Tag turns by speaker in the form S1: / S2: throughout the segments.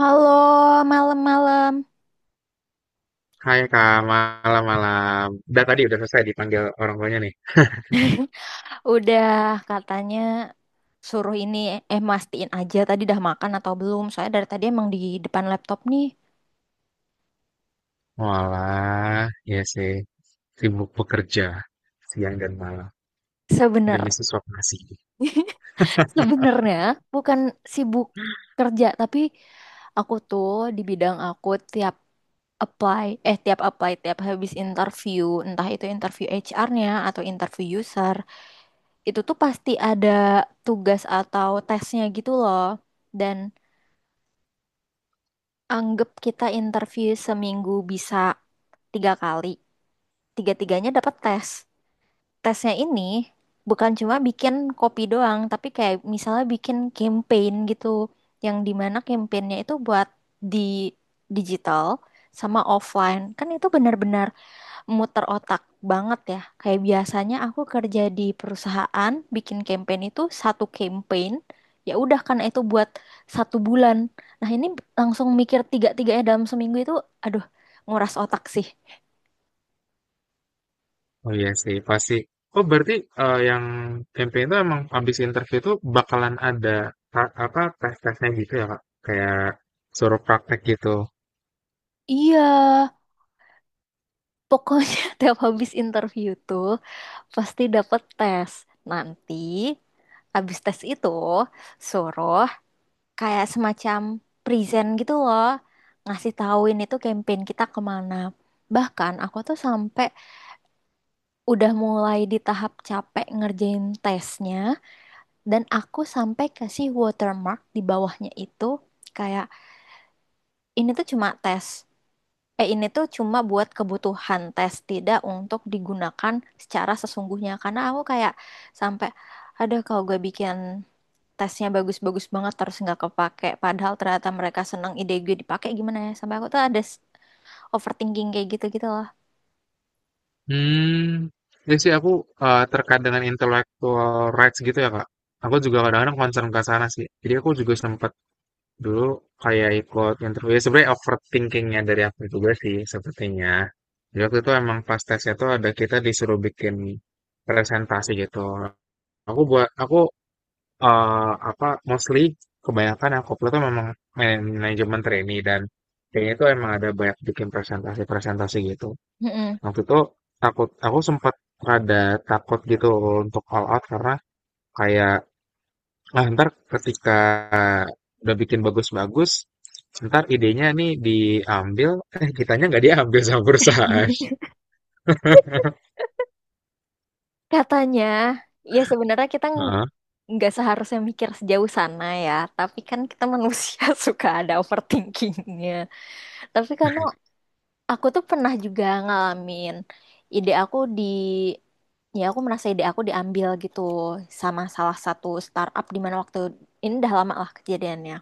S1: Halo, malam-malam.
S2: Hai Kak, malam-malam. Udah tadi selesai dipanggil orang tuanya nih.
S1: Udah katanya suruh ini eh mastiin aja tadi dah makan atau belum. Soalnya dari tadi emang di depan laptop nih.
S2: Walah, ya sih. Sibuk bekerja siang dan malam
S1: Sebener,
S2: demi sesuap nasi.
S1: sebenarnya bukan sibuk kerja, tapi aku tuh di bidang aku tiap tiap apply, tiap habis interview, entah itu interview HR-nya atau interview user, itu tuh pasti ada tugas atau tesnya gitu loh. Dan Anggap kita interview seminggu bisa 3 kali. Tiga-tiganya dapat tes. Tesnya ini bukan cuma bikin kopi doang, tapi kayak misalnya bikin campaign gitu. Yang dimana campaignnya itu buat di digital sama offline. Kan itu benar-benar muter otak banget ya. Kayak biasanya aku kerja di perusahaan, bikin campaign itu satu campaign, ya udah karena itu buat 1 bulan. Nah ini langsung mikir tiga-tiganya dalam seminggu itu, aduh nguras otak sih.
S2: Oh iya sih, pasti. Oh berarti yang campaign itu emang habis interview itu bakalan ada apa tes-tesnya gitu ya Kak? Kayak suruh praktek gitu.
S1: Iya, pokoknya tiap habis interview tuh pasti dapet tes. Nanti habis tes itu suruh kayak semacam present gitu loh, ngasih tahuin itu campaign kita kemana. Bahkan aku tuh sampai udah mulai di tahap capek ngerjain tesnya dan aku sampai kasih watermark di bawahnya itu kayak ini tuh cuma tes ini tuh cuma buat kebutuhan tes, tidak untuk digunakan secara sesungguhnya, karena aku kayak sampai ada kalau gue bikin tesnya bagus-bagus banget terus nggak kepake padahal ternyata mereka senang ide gue dipakai gimana ya, sampai aku tuh ada overthinking kayak gitu gitu loh.
S2: Hmm, ya sih aku terkait dengan intellectual rights gitu ya Kak. Aku juga kadang-kadang concern ke sana sih. Jadi aku juga sempat dulu kayak ikut interview, ya sebenarnya overthinkingnya dari aku juga sih sepertinya. Jadi waktu itu emang pas tesnya tuh ada, kita disuruh bikin presentasi gitu. Aku buat aku eh, apa mostly kebanyakan aku upload tuh memang manajemen trainee, dan kayaknya itu emang ada banyak bikin presentasi-presentasi gitu
S1: Mm-mm.
S2: waktu itu. Takut, aku sempat ada takut gitu untuk all out, karena kayak, nah, ntar ketika udah bikin bagus-bagus, ntar idenya nih diambil, eh kitanya nggak diambil sama perusahaan.
S1: Katanya ya sebenarnya
S2: Heeh.
S1: nggak seharusnya mikir sejauh sana ya, tapi kan kita manusia suka ada overthinkingnya. Tapi karena aku tuh pernah juga ngalamin ide aku di ya aku merasa ide aku diambil gitu sama salah satu startup, di mana waktu ini udah lama lah kejadiannya.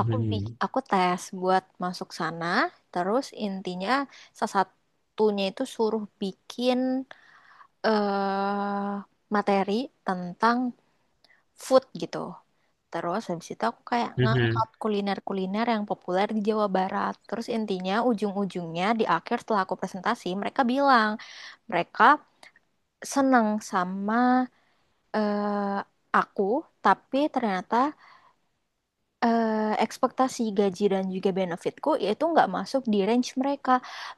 S1: Aku tes buat masuk sana, terus intinya salah satunya itu suruh bikin eh materi tentang food gitu. Terus habis itu aku kayak
S2: Mhm.
S1: ngangkat kuliner-kuliner yang populer di Jawa Barat. Terus intinya ujung-ujungnya di akhir setelah aku presentasi mereka bilang mereka seneng sama eh, aku, tapi ternyata ekspektasi gaji dan juga benefitku itu nggak masuk di range mereka.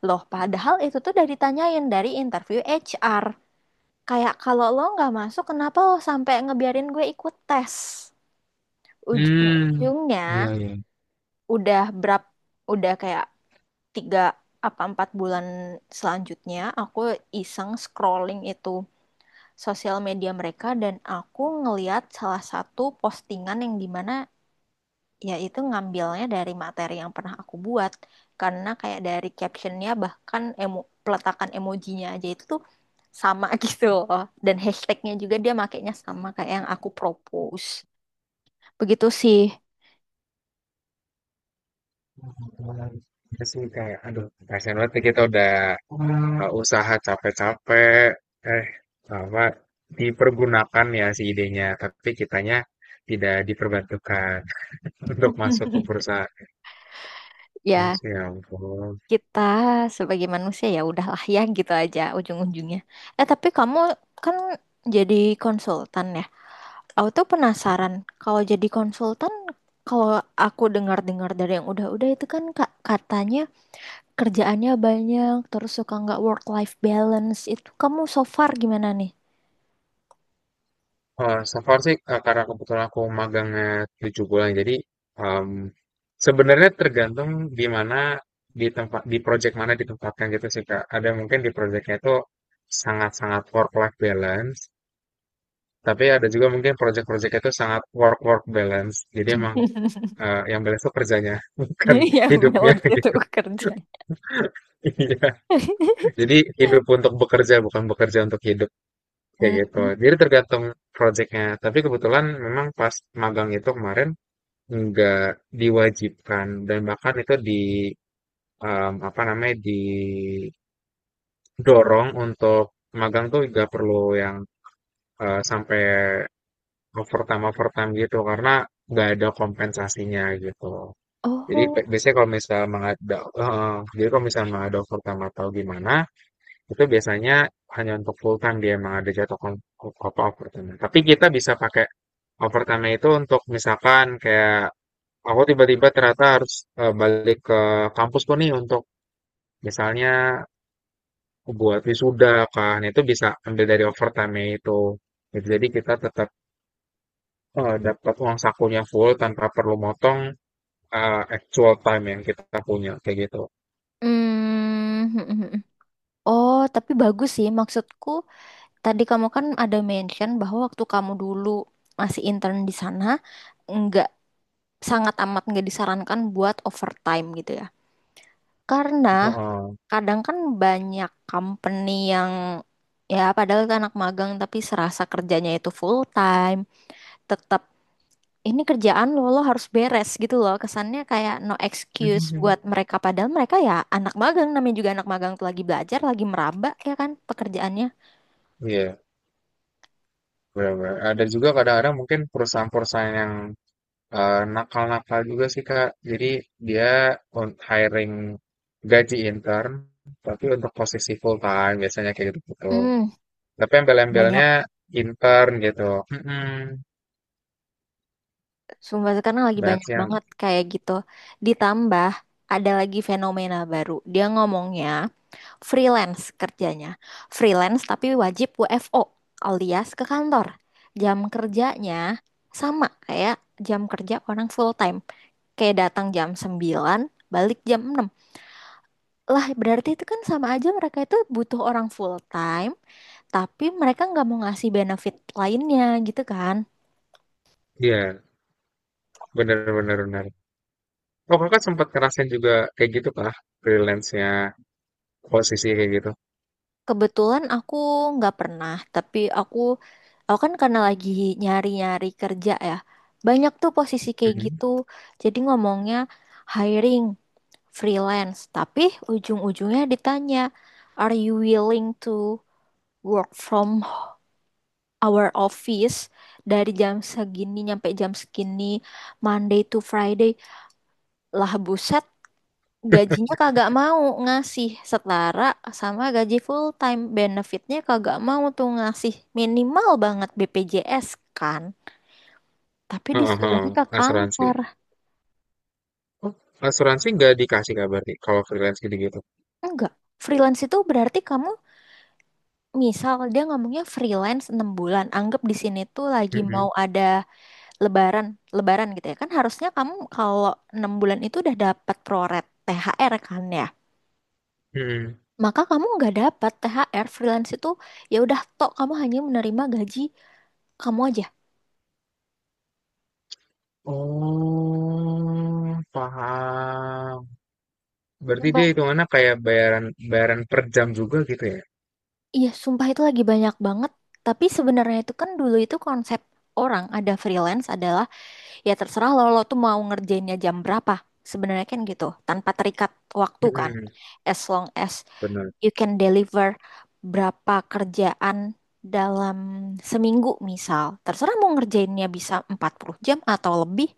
S1: Loh, padahal itu tuh udah ditanyain dari interview HR. Kayak kalau lo nggak masuk, kenapa lo sampai ngebiarin gue ikut tes?
S2: Hmm.
S1: Ujung-ujungnya
S2: Iya, iya.
S1: udah berap, udah kayak 3 apa 4 bulan selanjutnya aku iseng scrolling itu sosial media mereka, dan aku ngeliat salah satu postingan yang dimana ya itu ngambilnya dari materi yang pernah aku buat. Karena kayak dari captionnya bahkan peletakan emojinya aja itu tuh sama gitu loh. Dan hashtagnya juga dia makainya sama kayak yang aku propose. Begitu sih.
S2: Terus ini kayak, aduh, kasihan banget nih kita udah usaha capek-capek, eh, apa, dipergunakan ya si idenya, tapi kitanya tidak diperbantukan untuk masuk ke perusahaan. Ya,
S1: Ya
S2: sih, ya ampun.
S1: kita sebagai manusia ya udahlah ya gitu aja ujung-ujungnya. Eh tapi kamu kan jadi konsultan ya, aku tuh penasaran kalau jadi konsultan, kalau aku dengar-dengar dari yang udah-udah itu kan katanya kerjaannya banyak, terus suka nggak work-life balance. Itu kamu so far gimana nih?
S2: So far sih, karena kebetulan aku magangnya 7 bulan. Jadi, mmm, sebenarnya tergantung di mana, di tempat, di project mana ditempatkan gitu sih, Kak. Ada mungkin di project itu sangat-sangat work life balance, tapi ada juga mungkin project project itu sangat work work balance. Jadi emang, yang balance itu kerjanya, bukan
S1: Ya,
S2: hidupnya
S1: balance itu
S2: gitu.
S1: kerja.
S2: Iya, jadi hidup untuk bekerja, bukan bekerja untuk hidup, kayak
S1: Mm.
S2: gitu. Jadi tergantung project. Tapi kebetulan memang pas magang itu kemarin, nggak diwajibkan, dan bahkan itu di em, apa namanya didorong untuk magang tuh nggak perlu yang sampai overtime overtime gitu, karena nggak ada kompensasinya gitu. Jadi
S1: Oh,
S2: biasanya kalau misalnya jadi kalau misalnya mengada overtime atau gimana, itu biasanya hanya untuk full time, dia emang ada jatuh kom- apa overtime. Tapi kita bisa pakai overtime itu untuk misalkan kayak aku tiba-tiba ternyata harus balik ke kampus tuh nih untuk misalnya buat wisuda, kan itu bisa ambil dari overtime itu. Gitu, jadi kita tetap dapat uang sakunya full, tanpa perlu motong actual time yang kita punya kayak gitu.
S1: Mm. Oh, tapi bagus sih. Maksudku, tadi kamu kan ada mention bahwa waktu kamu dulu masih intern di sana, nggak, sangat amat nggak disarankan buat overtime gitu ya. Karena
S2: Heeh.
S1: kadang kan banyak company yang ya padahal itu anak magang tapi serasa kerjanya itu full time, tetap ini kerjaan lo lo harus beres gitu loh, kesannya kayak no excuse buat mereka, padahal mereka ya anak magang, namanya juga anak magang tuh lagi belajar, lagi meraba ya kan pekerjaannya.
S2: Iya, benar-benar ada juga kadang-kadang mungkin perusahaan-perusahaan yang nakal-nakal juga sih Kak. Jadi dia on hiring gaji intern, tapi untuk posisi full time biasanya kayak gitu-gitu.
S1: hmm
S2: Tapi
S1: Banyak,
S2: embel-embelnya intern gitu. Mm-mm.
S1: sumpah, sekarang lagi
S2: Banyak
S1: banyak
S2: sih yang,
S1: banget kayak gitu. Ditambah ada lagi fenomena baru, dia ngomongnya freelance kerjanya. Freelance tapi wajib WFO alias ke kantor. Jam kerjanya sama kayak jam kerja orang full time. Kayak datang jam 9 balik jam 6. Lah berarti itu kan sama aja mereka itu butuh orang full time, tapi mereka nggak mau ngasih benefit lainnya gitu kan.
S2: iya, bener-bener bener. Oh kakak sempat ngerasain juga kayak gitu kah? Freelance-nya posisi kayak gitu.
S1: Kebetulan aku nggak pernah, tapi aku kan karena lagi nyari-nyari kerja ya. Banyak tuh posisi kayak
S2: Mhm.
S1: gitu. Jadi ngomongnya hiring, freelance, tapi ujung-ujungnya ditanya, "Are you willing to work from our office dari jam segini nyampe jam segini, Monday to Friday?" Lah buset, gajinya kagak mau ngasih setara sama gaji full time, benefitnya kagak mau tuh ngasih, minimal banget BPJS kan, tapi
S2: Heeh, heeh.
S1: disuruhnya ke
S2: Asuransi.
S1: kantor.
S2: Oh, asuransi nggak dikasih kabar berarti kalau freelance gitu-gitu.
S1: Enggak, freelance itu berarti kamu, misal dia ngomongnya freelance 6 bulan, anggap di sini tuh lagi
S2: Mm-mm.
S1: mau ada lebaran lebaran gitu ya kan, harusnya kamu kalau 6 bulan itu udah dapat proret THR kan ya, maka kamu nggak dapat THR freelance itu, ya udah tok kamu hanya menerima gaji kamu aja.
S2: Oh, paham. Berarti
S1: Sumpah.
S2: dia hitungannya kayak bayaran, bayaran per jam juga gitu ya?
S1: Iya, sumpah itu lagi banyak banget. Tapi sebenarnya itu kan dulu itu konsep orang ada freelance adalah ya terserah lo, lo tuh mau ngerjainnya jam berapa. Sebenarnya kan gitu, tanpa terikat waktu kan.
S2: Mm-mm,
S1: As long as
S2: benar.
S1: you can deliver berapa kerjaan dalam seminggu misal. Terserah mau ngerjainnya bisa 40 jam atau lebih,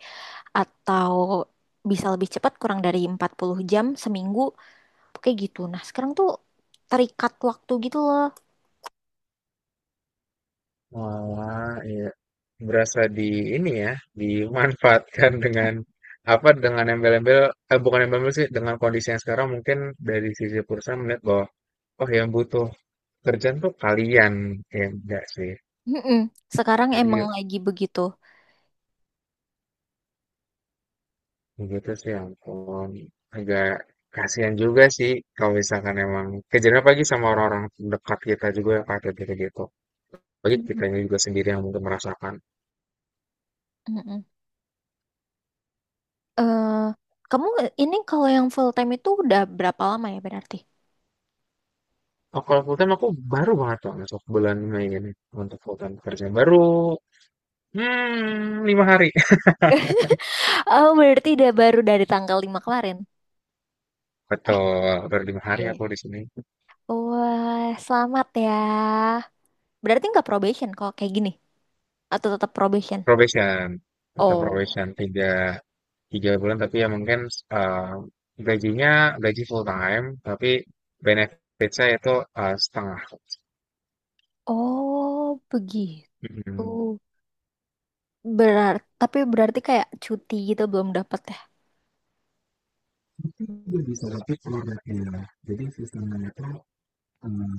S1: atau bisa lebih cepat kurang dari 40 jam seminggu. Kayak gitu. Nah, sekarang tuh terikat waktu gitu loh.
S2: Wah, iya. Berasa di ini ya, dimanfaatkan dengan apa, dengan embel-embel, eh, bukan embel-embel sih, dengan kondisi yang sekarang mungkin dari sisi perusahaan melihat bahwa oh, yang butuh kerjaan tuh kalian, ya enggak sih.
S1: Mm-mm. Sekarang emang
S2: Jadi
S1: lagi begitu.
S2: begitu sih, ya ampun. Agak kasihan juga sih kalau misalkan emang kejadian pagi sama orang-orang dekat kita juga yang kayak gitu-gitu. Bagi
S1: Mm.
S2: kitanya juga sendiri yang mungkin merasakan.
S1: Mm-mm. Eh, kamu ini kalau yang full time itu udah berapa lama ya berarti?
S2: Oh, kalau full time aku baru banget loh masuk bulan Mei ini untuk full time kerja. Baru 5 hari.
S1: Oh, berarti udah baru dari tanggal 5 kemarin.
S2: Betul, baru 5 hari
S1: Iya.
S2: aku di sini.
S1: Wah, selamat ya. Berarti nggak probation kalau kayak gini? Atau tetap probation?
S2: Probation, tetap
S1: Oh,
S2: probation tiga 3 bulan, tapi ya mungkin eh, gajinya gaji full time, tapi benefit saya itu setengah.
S1: Oh, begitu.
S2: Mhm.
S1: Berarti, tapi berarti kayak cuti gitu belum dapat ya?
S2: Mungkin juga bisa tapi produknya. Jadi sistemnya itu eh,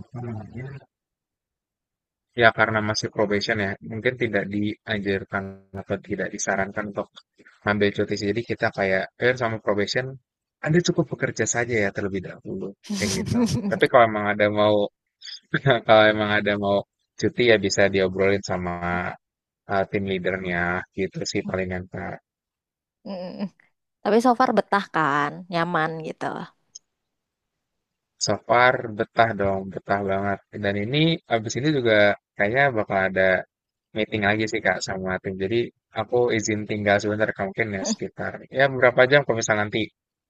S2: apa namanya? Ya karena masih probation ya, mungkin tidak dianjurkan atau tidak disarankan untuk ambil cuti. Jadi kita kayak, eh sama probation, Anda cukup bekerja saja ya terlebih dahulu, kayak gitu. Tapi kalau emang ada mau, kalau emang ada mau cuti, ya bisa diobrolin sama tim leadernya gitu sih palingan Kak.
S1: Mm. Tapi so far betah kan, nyaman gitu.
S2: So far betah dong, betah banget. Dan ini abis ini juga kayaknya bakal ada meeting lagi sih Kak sama tim. Jadi aku izin tinggal sebentar Kak, mungkin ya sekitar ya beberapa jam. Kalau misal nanti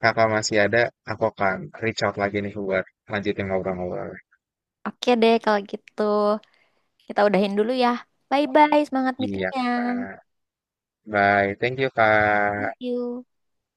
S2: Kakak masih ada, aku akan reach out lagi nih buat lanjutin ngobrol-ngobrol.
S1: Oke deh kalau gitu. Kita udahin dulu ya. Bye-bye, semangat
S2: Iya,
S1: meetingnya.
S2: nah, bye. Thank you Kak.
S1: Thank you.